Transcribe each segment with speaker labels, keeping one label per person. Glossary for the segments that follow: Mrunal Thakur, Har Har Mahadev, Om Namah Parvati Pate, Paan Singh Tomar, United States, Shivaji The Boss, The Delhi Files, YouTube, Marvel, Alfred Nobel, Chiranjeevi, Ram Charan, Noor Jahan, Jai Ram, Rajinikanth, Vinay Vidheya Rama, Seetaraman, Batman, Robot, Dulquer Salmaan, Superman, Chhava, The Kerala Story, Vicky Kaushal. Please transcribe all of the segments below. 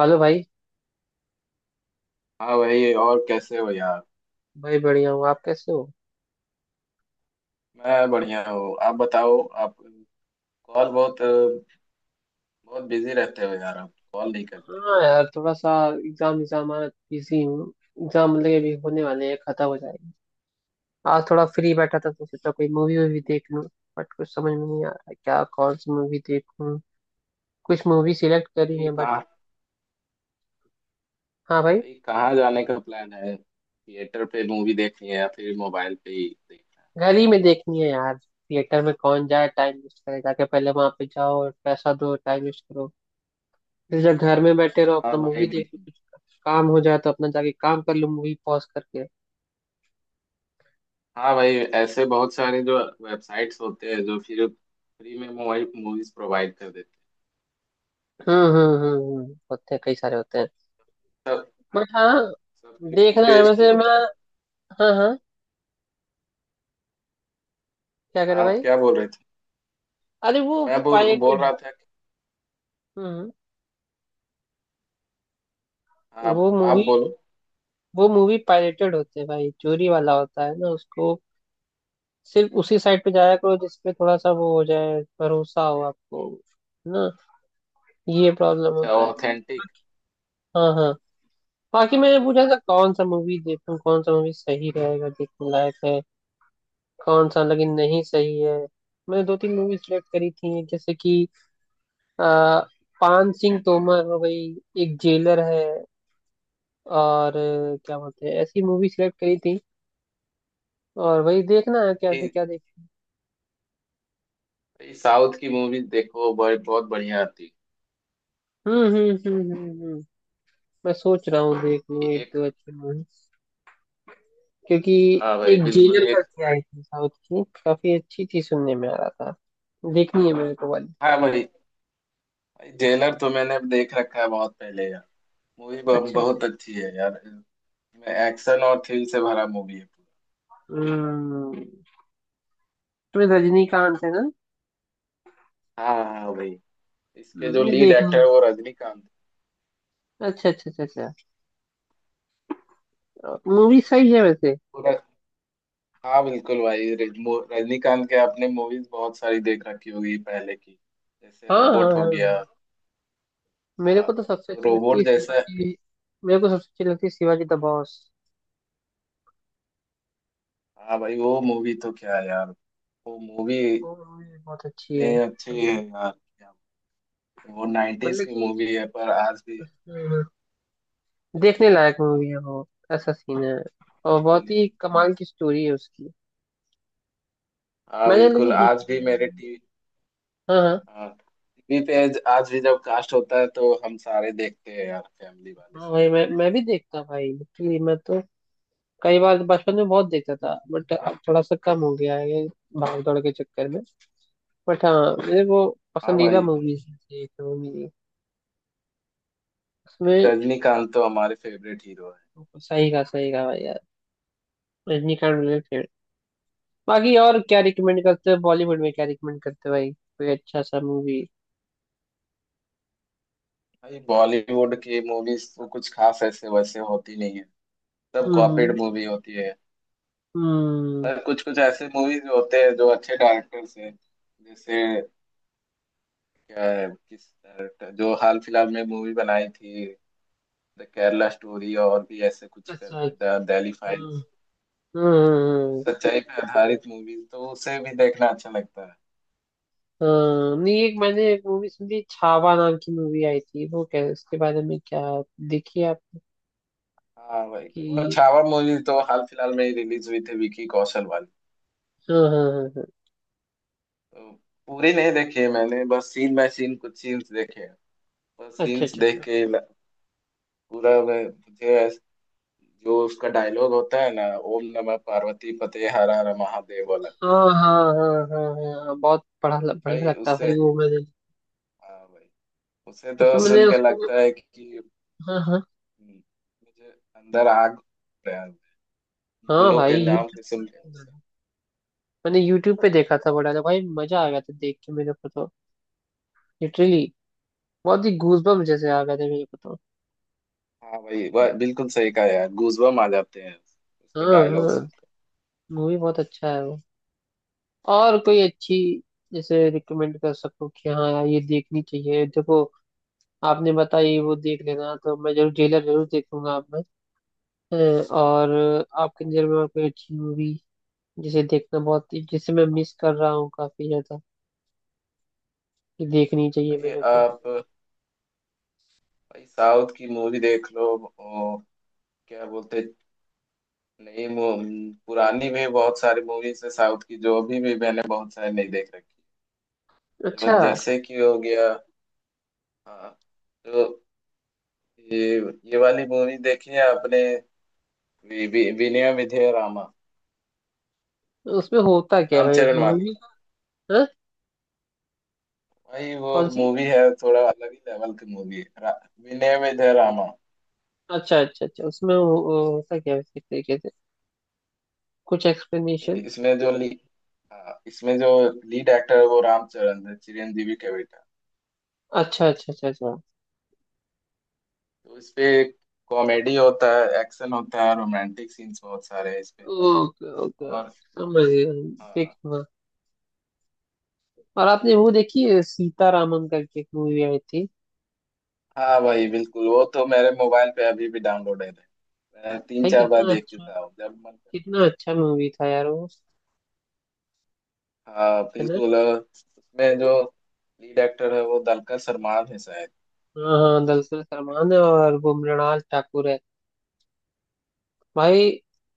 Speaker 1: Hello भाई।
Speaker 2: हाँ भाई, और कैसे हो यार?
Speaker 1: भाई बढ़िया हूँ, आप कैसे हो?
Speaker 2: मैं बढ़िया हूँ, आप बताओ। आप कॉल बहुत बहुत बिजी रहते हो यार, आप कॉल नहीं करते।
Speaker 1: हाँ यार, थोड़ा सा एग्जाम एग्जाम बिजी हूँ। एग्जाम मतलब अभी होने वाले हैं, खत्म हो जाएंगे। आज थोड़ा फ्री बैठा था तो सोचा कोई मूवी वूवी देख लूँ, बट कुछ समझ में नहीं आ रहा है क्या, कौन सी मूवी देखूँ। कुछ मूवी सिलेक्ट करी
Speaker 2: भाई
Speaker 1: है बट
Speaker 2: कहाँ
Speaker 1: हाँ भाई,
Speaker 2: भाई कहाँ जाने का प्लान है, थिएटर पे मूवी देखनी है या फिर मोबाइल पे ही देखनी है?
Speaker 1: घर ही में देखनी है यार। थिएटर में कौन जाए टाइम वेस्ट करे, जाके पहले वहां पे जाओ और पैसा दो, टाइम वेस्ट करो। फिर जब घर में बैठे रहो
Speaker 2: हाँ
Speaker 1: अपना
Speaker 2: भाई,
Speaker 1: मूवी देख लो,
Speaker 2: बिल्कुल।
Speaker 1: कुछ काम हो जाए तो अपना जाके काम कर लो मूवी पॉज करके।
Speaker 2: हाँ भाई, ऐसे बहुत सारे जो वेबसाइट्स होते हैं जो फिर फ्री में मोबाइल मूवीज प्रोवाइड कर देते
Speaker 1: होते हैं, कई सारे होते हैं।
Speaker 2: हैं सब।
Speaker 1: बट
Speaker 2: हाँ,
Speaker 1: हाँ,
Speaker 2: सब्सक्रिप्शन
Speaker 1: देखना है
Speaker 2: बेस्ड भी
Speaker 1: वैसे
Speaker 2: होते
Speaker 1: मैं।
Speaker 2: हैं।
Speaker 1: हाँ हाँ। क्या
Speaker 2: हाँ,
Speaker 1: करे
Speaker 2: आप
Speaker 1: भाई।
Speaker 2: क्या बोल रहे थे?
Speaker 1: अरे वो
Speaker 2: मैं बोल बोल
Speaker 1: पायरेटेड।
Speaker 2: रहा था कि-
Speaker 1: हम्म
Speaker 2: आप
Speaker 1: वो
Speaker 2: आप
Speaker 1: मूवी
Speaker 2: बोलो।
Speaker 1: वो मूवी पायरेटेड होते हैं भाई, चोरी वाला होता है ना उसको। सिर्फ उसी साइट पे जाया करो जिसपे थोड़ा सा वो हो जाए, भरोसा हो आपको। है ना? ये प्रॉब्लम
Speaker 2: अच्छा,
Speaker 1: होता है।
Speaker 2: ऑथेंटिक।
Speaker 1: हाँ हाँ। बाकी
Speaker 2: हाँ,
Speaker 1: मैंने पूछा था कौन सा मूवी देखूं, कौन सा मूवी सही रहेगा देखने लायक है, कौन सा लेकिन नहीं सही है। मैंने दो तीन मूवी सिलेक्ट करी थी, जैसे कि आ, पान सिंह तोमर हो गई, एक जेलर है, और क्या बोलते हैं, ऐसी मूवी सिलेक्ट करी थी। और वही देखना है, कैसे
Speaker 2: ये
Speaker 1: क्या देखें।
Speaker 2: ये साउथ की मूवी देखो, बड़ी बहुत बढ़िया आती
Speaker 1: हम्म। मैं सोच रहा हूँ देख
Speaker 2: है
Speaker 1: लूँ एक
Speaker 2: एक।
Speaker 1: दो अच्छी मूवी, क्योंकि
Speaker 2: हाँ भाई,
Speaker 1: एक
Speaker 2: बिल्कुल
Speaker 1: जेलर
Speaker 2: एक।
Speaker 1: करके आई थी साउथ की, काफी अच्छी थी सुनने में आ रहा था। देखनी है मेरे को वाली।
Speaker 2: हाँ भाई, जेलर तो मैंने देख रखा है बहुत पहले यार। मूवी
Speaker 1: अच्छा अच्छा।
Speaker 2: बहुत अच्छी है यार, इसमें एक्शन और थ्रिल से भरा मूवी है पूरा।
Speaker 1: हम्म तो रजनीकांत है ना?
Speaker 2: हाँ हाँ भाई, इसके जो
Speaker 1: नहीं
Speaker 2: लीड
Speaker 1: देखनी।
Speaker 2: एक्टर है वो रजनीकांत।
Speaker 1: अच्छा अच्छा अच्छा। अच्छा मूवी सही है वैसे।
Speaker 2: पूरा। हाँ बिल्कुल भाई, रजनीकांत के आपने मूवीज बहुत सारी देख रखी होगी पहले की, जैसे
Speaker 1: हाँ हाँ
Speaker 2: रोबोट हो
Speaker 1: हाँ।
Speaker 2: गया।
Speaker 1: मेरे
Speaker 2: हाँ,
Speaker 1: को तो सबसे
Speaker 2: तो
Speaker 1: अच्छी लगती
Speaker 2: रोबोट
Speaker 1: है
Speaker 2: जैसा।
Speaker 1: शिवाजी। मेरे को सबसे अच्छी लगती है शिवाजी द बॉस।
Speaker 2: हाँ भाई, वो मूवी तो क्या है यार, वो मूवी।
Speaker 1: वो मूवी बहुत अच्छी है।
Speaker 2: नहीं अच्छी है यार क्या, वो 90s
Speaker 1: मतलब
Speaker 2: की
Speaker 1: कि
Speaker 2: मूवी है पर आज भी
Speaker 1: हम्म, देखने लायक मूवी है वो, ऐसा सीन है। और
Speaker 2: बिल्कुल
Speaker 1: बहुत
Speaker 2: यार।
Speaker 1: ही कमाल की स्टोरी है उसकी।
Speaker 2: हाँ,
Speaker 1: मैंने
Speaker 2: बिल्कुल
Speaker 1: लगी
Speaker 2: आज
Speaker 1: देखी
Speaker 2: भी
Speaker 1: भी
Speaker 2: मेरे
Speaker 1: नहीं।
Speaker 2: टीवी
Speaker 1: हाँ हाँ।
Speaker 2: टीवी पे आज आज भी जब कास्ट होता है तो हम सारे देखते हैं यार, फैमिली वाले
Speaker 1: हाँ
Speaker 2: सब
Speaker 1: भाई, मैं
Speaker 2: बैठ
Speaker 1: भी देखता भाई, लिटरली मैं तो कई बार तो बचपन में बहुत देखता था, बट अब थोड़ा सा कम हो गया है ये, भाग दौड़ के चक्कर में। बट हाँ, मेरे वो
Speaker 2: के। हाँ भाई,
Speaker 1: पसंदीदा
Speaker 2: बिल्कुल।
Speaker 1: मूवीज है एक तो मेरी,
Speaker 2: भाई,
Speaker 1: उसमें।
Speaker 2: रजनीकांत तो हमारे फेवरेट हीरो है।
Speaker 1: सही कहा, सही कहा भाई। रजनीकांत मेरे फेवरेट। बाकी और क्या रिकमेंड करते हो, बॉलीवुड में क्या रिकमेंड करते हो भाई, कोई अच्छा सा मूवी?
Speaker 2: भाई, बॉलीवुड की मूवीज तो कुछ खास ऐसे वैसे होती नहीं है, सब कॉपीड
Speaker 1: हम्म
Speaker 2: मूवी होती है।
Speaker 1: हम्म
Speaker 2: पर कुछ कुछ ऐसे मूवीज होते हैं जो अच्छे डायरेक्टर्स हैं, जैसे क्या है किस डायरेक्टर जो हाल फिलहाल में मूवी बनाई थी, द केरला स्टोरी और भी ऐसे कुछ
Speaker 1: अच्छा
Speaker 2: करके,
Speaker 1: अच्छा।
Speaker 2: द दिल्ली
Speaker 1: हम्म
Speaker 2: फाइल्स।
Speaker 1: हम्म
Speaker 2: तो उस
Speaker 1: हम्म,
Speaker 2: सच्चाई पे आधारित मूवीज तो उसे भी देखना अच्छा लगता है।
Speaker 1: हम्म। नहीं, एक मैंने एक मूवी सुनी छावा नाम की, मूवी आई थी वो, क्या उसके बारे में? क्या देखिए आप
Speaker 2: हाँ भाई, वो
Speaker 1: कि?
Speaker 2: छावा मूवी तो हाल फिलहाल में ही रिलीज हुई थी विकी कौशल वाली।
Speaker 1: हाँ हाँ हाँ हाँ।
Speaker 2: तो पूरी नहीं देखी है मैंने, बस सीन बाय सीन कुछ सीन्स देखे हैं। बस
Speaker 1: अच्छा
Speaker 2: सीन्स
Speaker 1: अच्छा
Speaker 2: देख
Speaker 1: अच्छा।
Speaker 2: के ल- पूरा मैं- मुझे ऐस- जो उसका डायलॉग होता है ना, ओम नमः पार्वती पते हर हर महादेव वाला।
Speaker 1: हाँ हाँ हाँ हाँ हाँ हाँ, बहुत बड़ा बढ़िया
Speaker 2: भाई
Speaker 1: लगता है
Speaker 2: उससे,
Speaker 1: भाई वो। मैंने
Speaker 2: हाँ भाई, उसे तो
Speaker 1: उसमें, मैंने
Speaker 2: सुन के
Speaker 1: उसको,
Speaker 2: लगता है कि
Speaker 1: हाँ हाँ
Speaker 2: हम्म, मुझे अंदर आग, प्यार,
Speaker 1: हाँ
Speaker 2: मुगलों के
Speaker 1: भाई।
Speaker 2: नाम
Speaker 1: यूट्यूब,
Speaker 2: के सुन के उसे-
Speaker 1: मैंने यूट्यूब पे देखा था बड़ा, तो भाई मजा आ गया था देख के मेरे को तो। लिटरली बहुत ही गूजबम्प जैसे आ गए थे मेरे को तो।
Speaker 2: हाँ भाई, वह बिल्कुल सही कहा यार, गूजबम आ जाते हैं
Speaker 1: हाँ
Speaker 2: उसके डायलॉग
Speaker 1: हाँ।
Speaker 2: सुन के।
Speaker 1: मूवी बहुत अच्छा है वो। और कोई अच्छी, जैसे रिकमेंड कर सको कि हाँ यार, ये देखनी चाहिए देखो। आपने बताई वो देख लेना, तो मैं जरूर जेलर जरूर देखूंगा आप में। हाँ, और आपके नजर में और कोई अच्छी मूवी, जिसे देखना, बहुत जिसे मैं मिस कर रहा हूँ काफी ज्यादा, कि देखनी चाहिए
Speaker 2: भाई
Speaker 1: मेरे को।
Speaker 2: आप, भाई साउथ की मूवी देख लो। ओ, क्या बोलते, नई मू- पुरानी भी बहुत सारी मूवीज है साउथ की जो अभी भी मैंने बहुत सारी नहीं देख रखी जो,
Speaker 1: अच्छा,
Speaker 2: जैसे कि हो गया। हाँ, तो ये ये वाली मूवी देखी है आपने, वि- वि- विनय विधेय रामा,
Speaker 1: उसमें होता क्या है भाई
Speaker 2: रामचरण वाली।
Speaker 1: मूवी? हाँ।
Speaker 2: भाई वो
Speaker 1: कौन सी?
Speaker 2: मूवी है, थोड़ा अलग ही लेवल की मूवी है रा- विनय में जय रामा।
Speaker 1: अच्छा अच्छा अच्छा, उसमें होता क्या है, किस तरीके से, कुछ एक्सप्लेनेशन?
Speaker 2: इसमें जो ली हाँ, इसमें जो लीड एक्टर है वो रामचरण है, चिरंजीवी के बेटा।
Speaker 1: अच्छा अच्छा अच्छा अच्छा।
Speaker 2: तो इसपे कॉमेडी होता है, एक्शन होता है, रोमांटिक सीन्स बहुत सारे हैं इसपे।
Speaker 1: Okay okay.
Speaker 2: और
Speaker 1: समझ गया।
Speaker 2: हाँ
Speaker 1: देखूंगा। और आपने वो देखी है, सीतारामन करके एक मूवी आई थी?
Speaker 2: हाँ भाई, बिल्कुल वो तो मेरे मोबाइल पे अभी भी डाउनलोडेड है। मैं तीन
Speaker 1: भाई
Speaker 2: चार बार
Speaker 1: कितना
Speaker 2: देख
Speaker 1: अच्छा,
Speaker 2: चुका हूँ जब मन कर।
Speaker 1: कितना अच्छा मूवी था यार वो।
Speaker 2: हाँ
Speaker 1: है ना?
Speaker 2: बिल्कुल, और उसमें जो लीड एक्टर है वो दलकर सलमान है शायद, नाम
Speaker 1: हाँ
Speaker 2: है
Speaker 1: हाँ,
Speaker 2: उसका।
Speaker 1: दरअसल सलमान है, और वो मृणाल ठाकुर है। भाई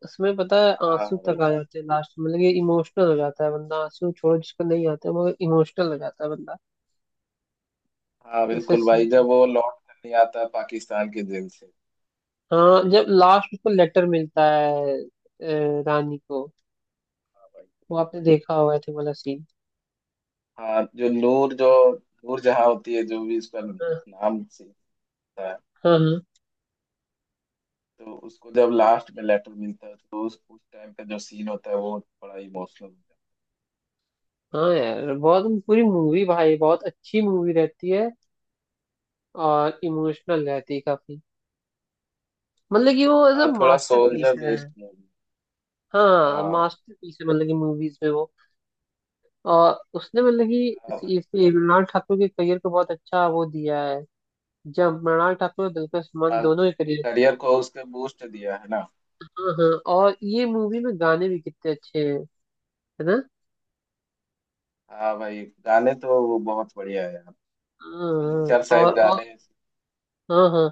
Speaker 1: उसमें पता है
Speaker 2: हाँ हाँ
Speaker 1: आंसू
Speaker 2: भाई,
Speaker 1: तक आ जाते हैं लास्ट में, मतलब इमोशनल हो जाता है बंदा। आंसू छोड़ो जिसको नहीं आते, मगर इमोशनल हो जाता है बंदा।
Speaker 2: हाँ बिल्कुल
Speaker 1: जैसे,
Speaker 2: भाई जब वो लौट कर नहीं आता पाकिस्तान के जेल से।
Speaker 1: हाँ जब लास्ट उसको लेटर मिलता है रानी को।
Speaker 2: हाँ भाई,
Speaker 1: वो आपने
Speaker 2: बिल्कुल।
Speaker 1: देखा होगा थे वाला सीन।
Speaker 2: हाँ, जो नूर जहाँ होती है, जो भी उसका
Speaker 1: हाँ
Speaker 2: नाम से होता है।
Speaker 1: हाँ हाँ।
Speaker 2: तो उसको जब लास्ट में लेटर मिलता है तो उस टाइम का जो सीन होता है वो बड़ा इमोशनल होता
Speaker 1: हाँ यार, बहुत पूरी मूवी भाई, बहुत अच्छी मूवी रहती है। और इमोशनल रहती है काफी। मतलब कि वो एज
Speaker 2: है।
Speaker 1: अ
Speaker 2: हाँ, थोड़ा
Speaker 1: मास्टरपीस
Speaker 2: सोल्जर
Speaker 1: है।
Speaker 2: Based movie.
Speaker 1: हाँ
Speaker 2: हाँ
Speaker 1: मास्टरपीस है, मतलब कि मूवीज में वो। और उसने मतलब कि
Speaker 2: हाँ भाई।
Speaker 1: मृणाल ठाकुर के करियर को बहुत अच्छा वो दिया है। जब मृणाल ठाकुर और दुलकर सलमान
Speaker 2: हाँ,
Speaker 1: दोनों के करियर।
Speaker 2: करियर को उसने बूस्ट दिया है ना।
Speaker 1: हाँ हाँ। और ये मूवी में गाने भी कितने अच्छे हैं, है ना?
Speaker 2: हाँ भाई, गाने तो वो बहुत बढ़िया है यार। तीन
Speaker 1: हाँ,
Speaker 2: चार शायद
Speaker 1: और
Speaker 2: गाने।
Speaker 1: हाँ हाँ।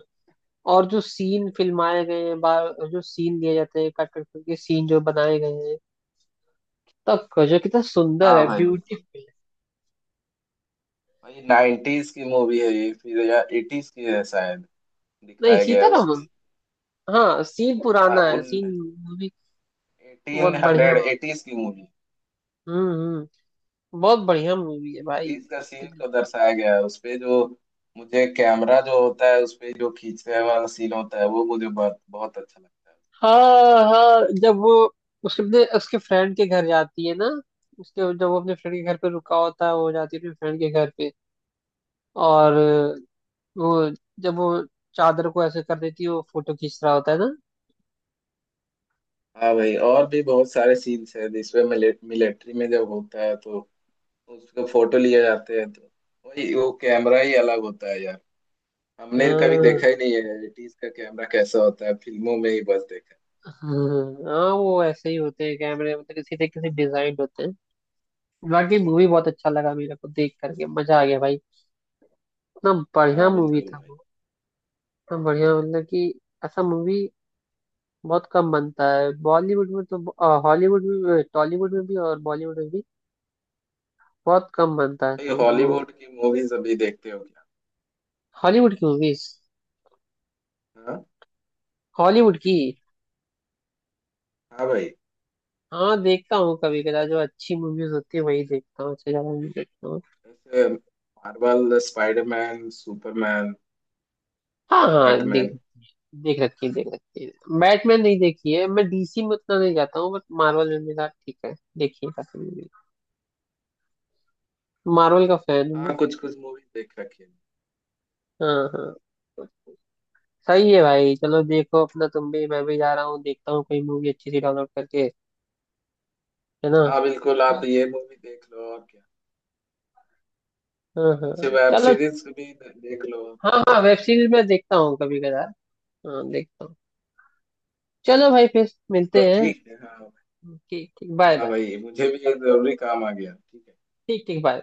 Speaker 1: और जो सीन फिल्माए गए हैं बार, जो सीन दिए जाते हैं कट कट करके, सीन जो बनाए गए हैं तब का, जो कितना सुंदर
Speaker 2: हाँ
Speaker 1: है,
Speaker 2: भाई, बिल्कुल
Speaker 1: ब्यूटीफुल है।
Speaker 2: भाई, 90s की मूवी है ये फिर या 80s की है शायद,
Speaker 1: नहीं
Speaker 2: दिखाया गया है
Speaker 1: सीतारामम,
Speaker 2: उसपे।
Speaker 1: हाँ सीन
Speaker 2: हाँ,
Speaker 1: पुराना है, सीन
Speaker 2: उन
Speaker 1: मूवी बहुत
Speaker 2: एटीन
Speaker 1: बढ़िया।
Speaker 2: हंड्रेड एटीज की मूवी।
Speaker 1: हम्म हम्म बहुत बढ़िया मूवी है भाई।
Speaker 2: 80s का सीन को दर्शाया गया है उसपे, जो मुझे कैमरा जो होता है उसपे जो खींचने वाला सीन होता है वो मुझे बहुत बहुत अच्छा लगता है।
Speaker 1: हाँ हाँ, जब वो उसके अपने उसके फ्रेंड के घर जाती है ना, उसके जब वो अपने फ्रेंड के घर पे रुका होता है, वो जाती है अपने फ्रेंड के घर पे, और वो जब वो चादर को ऐसे कर देती है, वो फोटो खींच रहा होता है ना।
Speaker 2: हाँ भाई, और भी बहुत सारे सीन्स हैं जिसमें मिलिट्री में जब होता है तो उसको फोटो लिए जाते हैं, तो वही वो कैमरा ही अलग होता है यार। हमने कभी
Speaker 1: हाँ
Speaker 2: देखा ही नहीं है 80s का कैमरा कैसा होता है, फिल्मों में ही बस देखा है।
Speaker 1: हाँ हाँ, वो ऐसे ही होते हैं कैमरे, मतलब किसी न किसी डिजाइन होते हैं। बाकी मूवी बहुत अच्छा लगा मेरे को, देख करके मजा आ गया भाई। इतना बढ़िया
Speaker 2: हाँ
Speaker 1: मूवी
Speaker 2: बिल्कुल
Speaker 1: था
Speaker 2: भाई।
Speaker 1: वो। इतना बढ़िया, मतलब कि ऐसा मूवी बहुत कम बनता है बॉलीवुड में, तो हॉलीवुड में, टॉलीवुड में भी और बॉलीवुड में भी बहुत कम बनता है
Speaker 2: भाई,
Speaker 1: ऐसा मूवी।
Speaker 2: हॉलीवुड की मूवीज अभी देखते हो क्या?
Speaker 1: हॉलीवुड की मूवीज?
Speaker 2: हाँ।
Speaker 1: हॉलीवुड की?
Speaker 2: हाँ भाई।
Speaker 1: हाँ देखता हूँ कभी कदा, जो अच्छी मूवीज होती है वही देखता हूँ, उससे ज्यादा नहीं देखता हूँ।
Speaker 2: जैसे मार्वल, स्पाइडरमैन, सुपरमैन,
Speaker 1: हाँ हाँ, देख
Speaker 2: बैटमैन।
Speaker 1: देख रखी है, देख रखी है। बैटमैन नहीं देखी है मैं, डीसी में उतना नहीं जाता हूँ, बट मार्वल में मेरा ठीक है, देखिए काफी मूवी। मार्वल का फैन हूँ मैं।
Speaker 2: हाँ, कुछ कुछ मूवीज देख रखी है।
Speaker 1: हाँ हाँ। सही है भाई, चलो देखो अपना, तुम भी मैं भी, जा रहा हूँ देखता हूँ कोई मूवी अच्छी सी डाउनलोड करके, है ना?
Speaker 2: हाँ बिल्कुल,
Speaker 1: हाँ
Speaker 2: आप ये मूवी देख लो और क्या।
Speaker 1: हाँ
Speaker 2: कुछ
Speaker 1: हाँ।
Speaker 2: वेब
Speaker 1: चलो।
Speaker 2: सीरीज भी देख लो और
Speaker 1: हाँ
Speaker 2: क्या।
Speaker 1: हाँ, वेब सीरीज मैं देखता हूँ कभी कदार। हाँ देखता हूँ। चलो भाई फिर मिलते
Speaker 2: तो
Speaker 1: हैं।
Speaker 2: ठीक है, हाँ।
Speaker 1: ठीक ठीक, बाय
Speaker 2: हाँ
Speaker 1: बाय।
Speaker 2: भाई, मुझे भी एक जरूरी काम आ गया, ठीक है।
Speaker 1: ठीक ठीक, बाय।